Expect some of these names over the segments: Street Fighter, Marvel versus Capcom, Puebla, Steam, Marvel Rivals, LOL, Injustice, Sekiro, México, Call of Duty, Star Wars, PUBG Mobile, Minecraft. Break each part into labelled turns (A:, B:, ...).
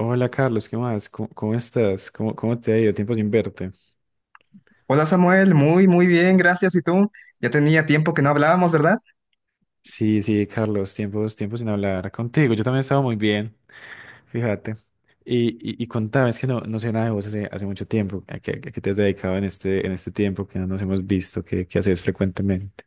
A: Hola Carlos, ¿qué más? ¿Cómo estás? ¿Cómo te ha ido? Tiempo sin verte.
B: Hola Samuel, muy muy bien, gracias. ¿Y tú? Ya tenía tiempo que no hablábamos, ¿verdad?
A: Sí, sí, Carlos, tiempo sin hablar contigo. Yo también estaba muy bien, fíjate. Y, y contame, es que no sé nada de vos hace mucho tiempo. ¿A qué te has dedicado en este tiempo que no nos hemos visto? ¿Qué haces frecuentemente?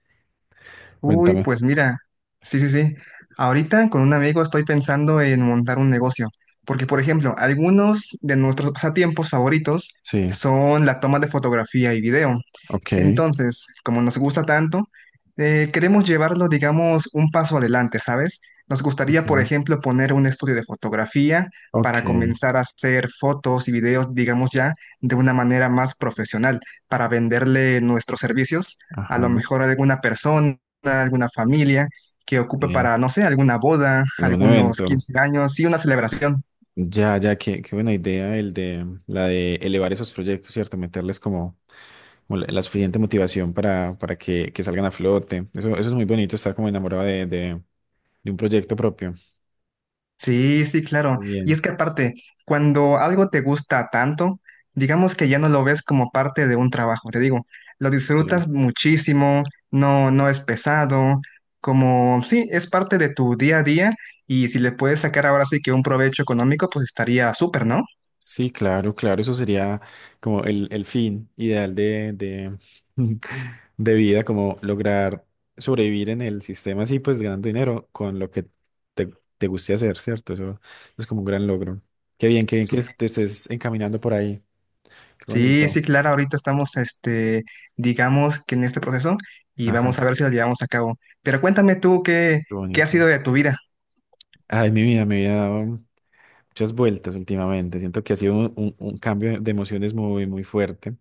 B: Uy,
A: Cuéntame.
B: pues mira, sí, sí, sí. Ahorita con un amigo estoy pensando en montar un negocio, porque por ejemplo, algunos de nuestros pasatiempos favoritos
A: Sí,
B: son la toma de fotografía y video.
A: ok.
B: Entonces, como nos gusta tanto, queremos llevarlo, digamos, un paso adelante, ¿sabes? Nos
A: Ok,
B: gustaría, por ejemplo, poner un estudio de fotografía para
A: ok.
B: comenzar a hacer fotos y videos, digamos ya, de una manera más profesional, para venderle nuestros servicios a
A: Ajá.
B: lo mejor a alguna persona, a alguna familia que ocupe
A: Ok.
B: para, no sé, alguna boda,
A: ¿Algún
B: algunos
A: evento?
B: 15 años y una celebración.
A: Ya, ya, qué buena idea el de elevar esos proyectos, ¿cierto? Meterles como la suficiente motivación para que salgan a flote. Eso es muy bonito, estar como enamorado de un proyecto propio.
B: Sí, sí,
A: Qué
B: claro. Y
A: bien.
B: es que aparte, cuando algo te gusta tanto, digamos que ya no lo ves como parte de un trabajo, te digo, lo
A: Qué bien.
B: disfrutas muchísimo, no, no es pesado, como sí, es parte de tu día a día y si le puedes sacar ahora sí que un provecho económico, pues estaría súper, ¿no?
A: Sí, claro, claro, eso sería como el fin ideal de vida, como lograr sobrevivir en el sistema así, pues ganando dinero con lo que te, te guste hacer, ¿cierto? Eso es como un gran logro. Qué bien que te estés encaminando por ahí. Qué
B: Sí,
A: bonito.
B: sí, claro, ahorita estamos, este, digamos que en este proceso y vamos
A: Ajá,
B: a ver si lo llevamos a cabo. Pero cuéntame tú qué,
A: qué
B: qué ha
A: bonito.
B: sido de tu vida,
A: Ay, mi vida me ha dado muchas vueltas últimamente. Siento que ha sido un cambio de emociones muy, muy fuerte,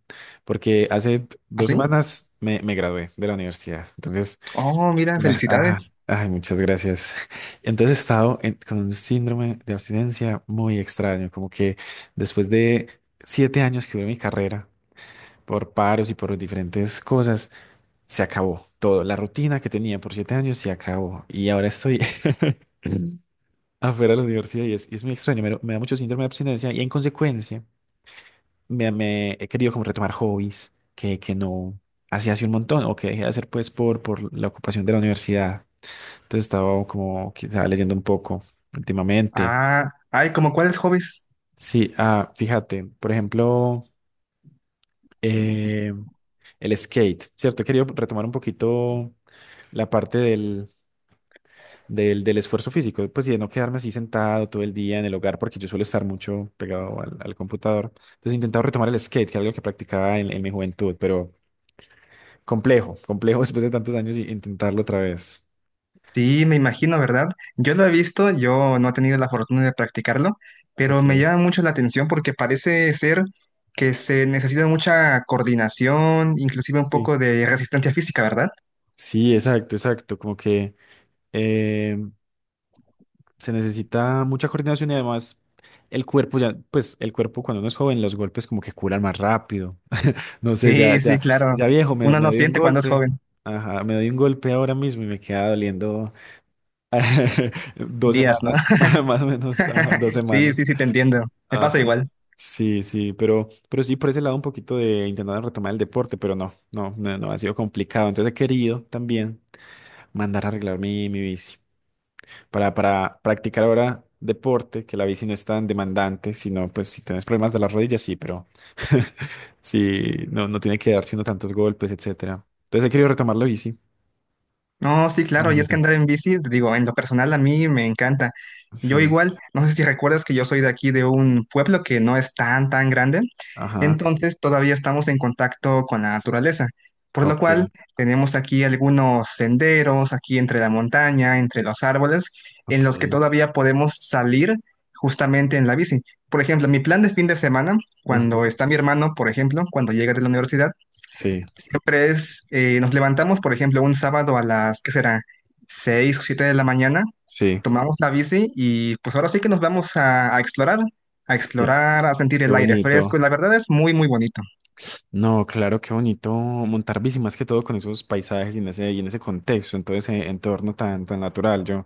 A: porque hace dos
B: ¿así?
A: semanas me gradué de la universidad. Entonces,
B: Oh, mira,
A: ajá,
B: felicidades.
A: ay, muchas gracias. Entonces he estado con un síndrome de abstinencia muy extraño, como que después de 7 años que hubo en mi carrera, por paros y por diferentes cosas, se acabó todo. La rutina que tenía por 7 años se acabó. Y ahora estoy afuera de la universidad y es muy extraño. Me da mucho síndrome de abstinencia y en consecuencia me he querido como retomar hobbies que no hacía hace un montón o que dejé de hacer pues por la ocupación de la universidad. Entonces estaba como quizá leyendo un poco últimamente.
B: Ah, ay, ¿como cuáles hobbies?
A: Sí, ah, fíjate, por ejemplo, eh, el skate, ¿cierto? He querido retomar un poquito la parte del esfuerzo físico, pues y de no quedarme así sentado todo el día en el hogar, porque yo suelo estar mucho pegado al computador. Entonces he intentado retomar el skate, que es algo que practicaba en mi juventud, pero complejo, complejo después de tantos años y intentarlo otra vez.
B: Sí, me imagino, ¿verdad? Yo lo he visto, yo no he tenido la fortuna de practicarlo, pero me
A: Ok,
B: llama mucho la atención porque parece ser que se necesita mucha coordinación, inclusive un
A: sí.
B: poco de resistencia física, ¿verdad?
A: Sí, exacto, exacto. Como que eh, se necesita mucha coordinación y además el cuerpo ya, pues el cuerpo cuando uno es joven, los golpes como que curan más rápido. No sé, ya,
B: Sí, sí,
A: ya,
B: claro.
A: ya viejo, me,
B: Uno
A: me
B: no
A: doy un
B: siente cuando es
A: golpe.
B: joven,
A: Ajá, me doy un golpe ahora mismo y me queda doliendo Dos
B: días, ¿no?
A: semanas, más o menos, ajá, dos
B: Sí,
A: semanas.
B: sí, sí, te entiendo. Me pasa
A: Ajá.
B: igual.
A: Sí, sí, pero, sí por ese lado un poquito de intentar retomar el deporte, pero no, no, no, no ha sido complicado. Entonces he querido también mandar a arreglar mi bici para practicar ahora deporte, que la bici no es tan demandante, sino pues si tienes problemas de las rodillas, sí, pero sí, no tiene que darse uno tantos golpes, etcétera. Entonces he querido retomar la bici.
B: No, sí, claro, y es que
A: Imagínate.
B: andar en bici, te digo, en lo personal a mí me encanta. Yo
A: Sí,
B: igual, no sé si recuerdas que yo soy de aquí, de un pueblo que no es tan, tan grande,
A: ajá,
B: entonces todavía estamos en contacto con la naturaleza, por lo
A: ok,
B: cual tenemos aquí algunos senderos, aquí entre la montaña, entre los árboles, en los que
A: ok.
B: todavía podemos salir justamente en la bici. Por ejemplo, mi plan de fin de semana, cuando
A: Ujú.
B: está mi hermano, por ejemplo, cuando llega de la universidad,
A: Sí,
B: siempre es, nos levantamos, por ejemplo, un sábado a las, ¿qué será? 6 o 7 de la mañana,
A: sí,
B: tomamos la bici y pues ahora sí que nos vamos a explorar, a
A: qué,
B: explorar, a sentir
A: qué
B: el aire fresco
A: bonito.
B: y la verdad es muy, muy bonito.
A: No, claro, qué bonito montar bici, más que todo con esos paisajes y en ese contexto, en todo ese entorno tan, tan natural. Yo,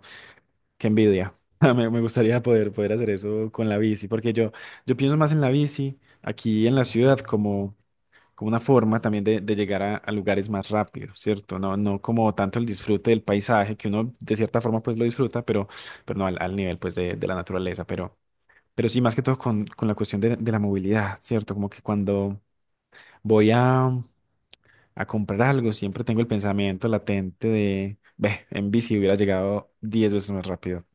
A: qué envidia. Me gustaría poder, hacer eso con la bici, porque yo pienso más en la bici aquí en la ciudad como una forma también de llegar a lugares más rápido, ¿cierto? No como tanto el disfrute del paisaje, que uno de cierta forma pues lo disfruta, pero no al nivel pues de la naturaleza, pero sí, más que todo con la cuestión de la movilidad, ¿cierto? Como que cuando voy a comprar algo, siempre tengo el pensamiento latente de, ve, en bici hubiera llegado 10 veces más rápido.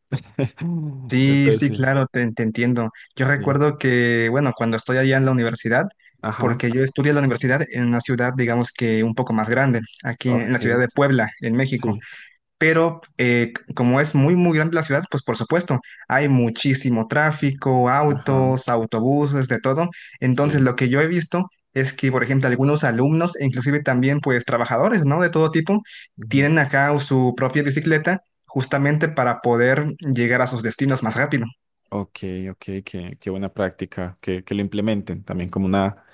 B: Sí,
A: Entonces
B: sí,
A: sí.
B: claro, te entiendo. Yo
A: Sí.
B: recuerdo que, bueno, cuando estoy allá en la universidad,
A: Ajá.
B: porque yo estudié en la universidad en una ciudad, digamos que un poco más grande, aquí en la
A: Ok.
B: ciudad de Puebla, en México.
A: Sí.
B: Pero como es muy, muy grande la ciudad, pues por supuesto, hay muchísimo tráfico,
A: Ajá.
B: autos, autobuses, de todo. Entonces,
A: Sí.
B: lo que yo he visto es que, por ejemplo, algunos alumnos, e inclusive también, pues, trabajadores, ¿no? De todo tipo,
A: Ujú.
B: tienen acá su propia bicicleta justamente para poder llegar a sus destinos más rápido.
A: Ok, ok, qué buena práctica, que lo implementen también como una,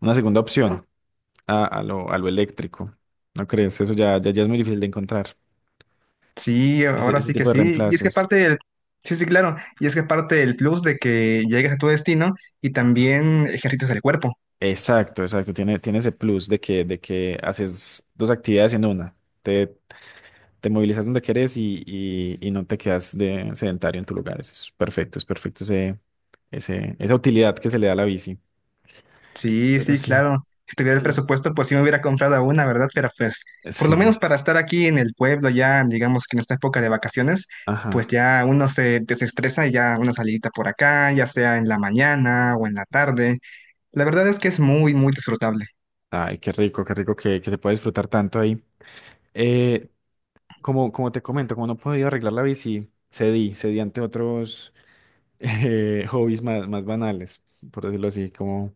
A: una segunda opción a lo eléctrico. ¿No crees? Eso ya es muy difícil de encontrar,
B: Sí,
A: ese,
B: ahora
A: ese
B: sí que
A: tipo de
B: sí. Y es que
A: reemplazos.
B: parte del... Sí, sí, claro. Y es que parte del plus de que llegues a tu destino y también ejercitas el cuerpo.
A: Exacto, exacto. Tiene ese plus de que, haces dos actividades en una. Te, te movilizas donde querés y no te quedas de sedentario en tu lugar. Eso es perfecto esa utilidad que se le da a la bici.
B: Sí,
A: Pero
B: sí,
A: sí,
B: claro. Si tuviera el
A: sí,
B: presupuesto, pues sí me hubiera comprado una, ¿verdad? Pero pues, por lo
A: sí.
B: menos para estar aquí en el pueblo, ya digamos que en esta época de vacaciones, pues
A: Ajá.
B: ya uno se desestresa y ya una salidita por acá, ya sea en la mañana o en la tarde. La verdad es que es muy, muy disfrutable.
A: Ay, qué rico que se puede disfrutar tanto ahí. Eh, como te comento, como no podía arreglar la bici, cedí, cedí ante otros hobbies más, más banales, por decirlo así, como...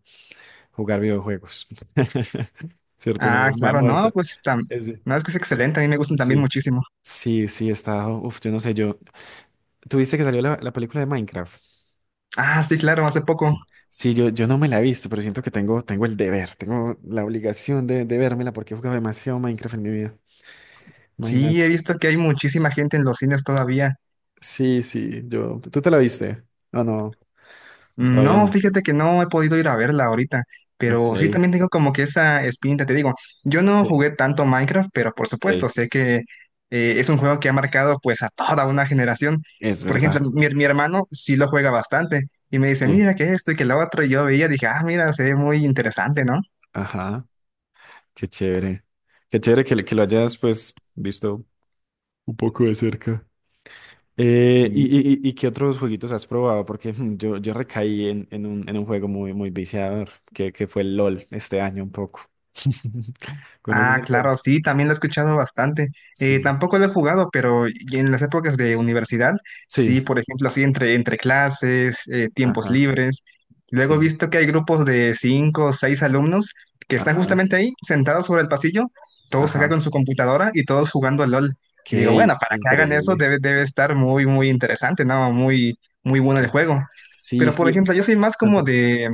A: Jugar videojuegos. ¿Cierto?
B: Ah,
A: Me
B: claro, no,
A: muerta.
B: pues está.
A: Ese,
B: No, es que es excelente, a mí me gustan también
A: sí.
B: muchísimo.
A: Sí, sí, está. Uf, yo no sé, yo. ¿Tuviste que salió la película de Minecraft?
B: Ah, sí, claro, hace poco.
A: Sí. Sí, yo, no me la he visto, pero siento que tengo el deber, tengo la obligación de vérmela porque he jugado demasiado Minecraft en mi vida.
B: Sí, he
A: Imagínate.
B: visto que hay muchísima gente en los cines todavía.
A: Sí, sí, yo. ¿Tú te la viste? No, no, todavía
B: No,
A: no.
B: fíjate que no he podido ir a verla ahorita,
A: Ok,
B: pero sí también tengo como que esa espinita, te digo, yo no
A: sí,
B: jugué tanto Minecraft, pero por
A: ok.
B: supuesto, sé que es un juego que ha marcado pues a toda una generación.
A: Es
B: Por
A: verdad.
B: ejemplo, mi hermano sí lo juega bastante y me dice,
A: Sí.
B: mira que esto y que lo otro, y yo veía, dije, ah, mira, se ve muy interesante, ¿no?
A: Ajá. Qué chévere. Qué chévere que lo hayas, pues, visto un poco de cerca. Eh, y,
B: Sí.
A: y, y- y qué otros jueguitos has probado? Porque yo, recaí en, en un juego muy, muy viciador, que fue el LOL este año un poco. ¿Conoces
B: Ah,
A: el LOL?
B: claro, sí, también lo he escuchado bastante.
A: Sí.
B: Tampoco lo he jugado, pero y en las épocas de universidad,
A: Sí,
B: sí, por ejemplo, así entre, entre clases, tiempos
A: ajá,
B: libres. Luego he
A: sí,
B: visto que hay grupos de cinco o seis alumnos que están
A: ajá,
B: justamente ahí, sentados sobre el pasillo, todos acá
A: ajá.
B: con su computadora y todos jugando LOL. Y digo,
A: Qué
B: bueno, para que hagan eso
A: increíble.
B: debe, debe estar muy, muy interesante, ¿no? Muy, muy bueno el
A: Sí,
B: juego.
A: sí,
B: Pero, por
A: sí.
B: ejemplo, yo soy más como
A: Cuéntame.
B: de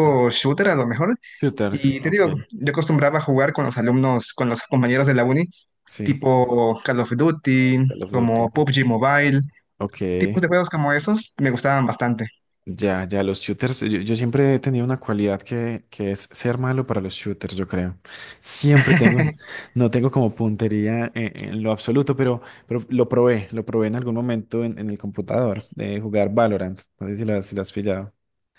A: Bueno,
B: shooter, a lo mejor.
A: shooters,
B: Y te
A: ok,
B: digo, yo acostumbraba a jugar con los alumnos, con los compañeros de la uni,
A: sí.
B: tipo Call of Duty,
A: Call of
B: como
A: Duty.
B: PUBG Mobile,
A: Ok.
B: tipos de juegos como esos me gustaban bastante.
A: Ya, ya, los shooters, yo, siempre he tenido una cualidad que es ser malo para los shooters, yo creo. Siempre tengo, no tengo como puntería en lo absoluto, pero, lo probé en algún momento en el computador de jugar Valorant. No sé si si lo has pillado.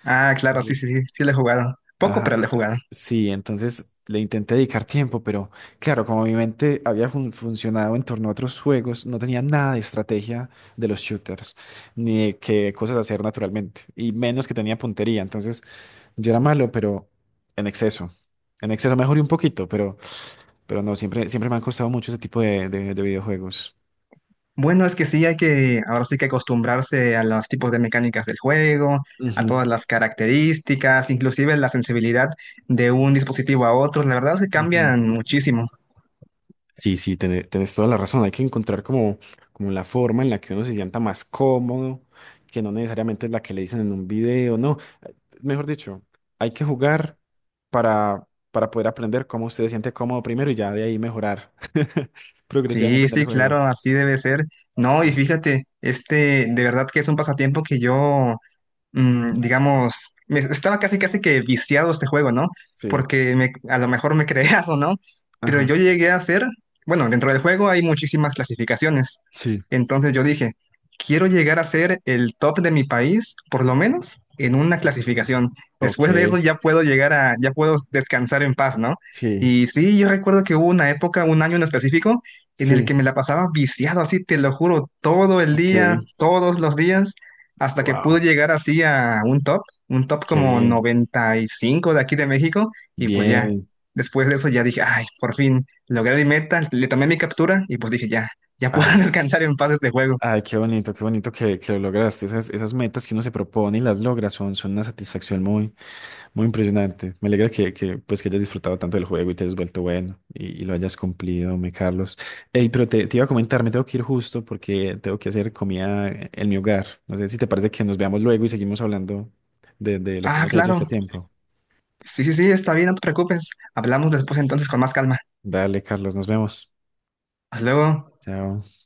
B: Ah,
A: Tal
B: claro, sí, sí,
A: vez.
B: sí, sí le he jugado. Poco, pero
A: Ajá.
B: le he jugado.
A: Sí, entonces le intenté dedicar tiempo, pero claro, como mi mente había funcionado en torno a otros juegos, no tenía nada de estrategia de los shooters, ni de qué cosas hacer naturalmente, y menos que tenía puntería. Entonces yo era malo, pero en exceso. En exceso mejoré un poquito, pero, no, siempre, siempre me han costado mucho ese tipo de videojuegos.
B: Bueno, es que sí hay que, ahora sí que acostumbrarse a los tipos de mecánicas del juego, a
A: Ujú.
B: todas las características, inclusive la sensibilidad de un dispositivo a otro. La verdad es que
A: Ujú.
B: cambian muchísimo.
A: Sí, sí, tenés toda la razón. Hay que encontrar como la forma en la que uno se sienta más cómodo, que no necesariamente es la que le dicen en un video, no. Mejor dicho, hay que jugar para poder aprender cómo usted se siente cómodo primero y ya de ahí mejorar progresivamente
B: Sí,
A: en el
B: sí,
A: juego.
B: claro, así debe ser. No, y
A: Sí,
B: fíjate, este, de verdad que es un pasatiempo que yo digamos, me- estaba casi casi que viciado este juego, ¿no?
A: sí,
B: Porque me- a lo mejor me creas o no, pero
A: ajá,
B: yo llegué a hacer, bueno, dentro del juego hay muchísimas clasificaciones.
A: sí,
B: Entonces yo dije, quiero llegar a ser el top de mi país, por lo menos en una clasificación. Después de
A: ok,
B: eso ya puedo llegar a, ya puedo descansar en paz, ¿no?
A: sí,
B: Y sí, yo recuerdo que hubo una época, un año en específico, en el que
A: sí,
B: me la pasaba viciado así, te lo juro, todo el
A: ok,
B: día, todos los días hasta que pude
A: wow,
B: llegar así a un top
A: qué
B: como
A: bien,
B: 95 de aquí de México, y pues ya,
A: bien.
B: después de eso ya dije, ay, por fin, logré mi meta, le tomé mi captura y pues dije, ya, ya puedo
A: Ah,
B: descansar en paz este juego.
A: ay, qué bonito que lo lograste. esas, metas que uno se propone y las logra son una satisfacción muy, muy impresionante. Me alegra que hayas disfrutado tanto del juego y te hayas vuelto bueno y lo hayas cumplido, me Carlos. Ey, pero te iba a comentar, me tengo que ir justo porque tengo que hacer comida en mi hogar. No sé si te parece que nos veamos luego y seguimos hablando de lo que
B: Ah,
A: hemos hecho
B: claro,
A: este tiempo.
B: sí, sí, sí, está bien, no te preocupes, hablamos después entonces con más calma.
A: Dale, Carlos, nos vemos.
B: Hasta luego.
A: Chao.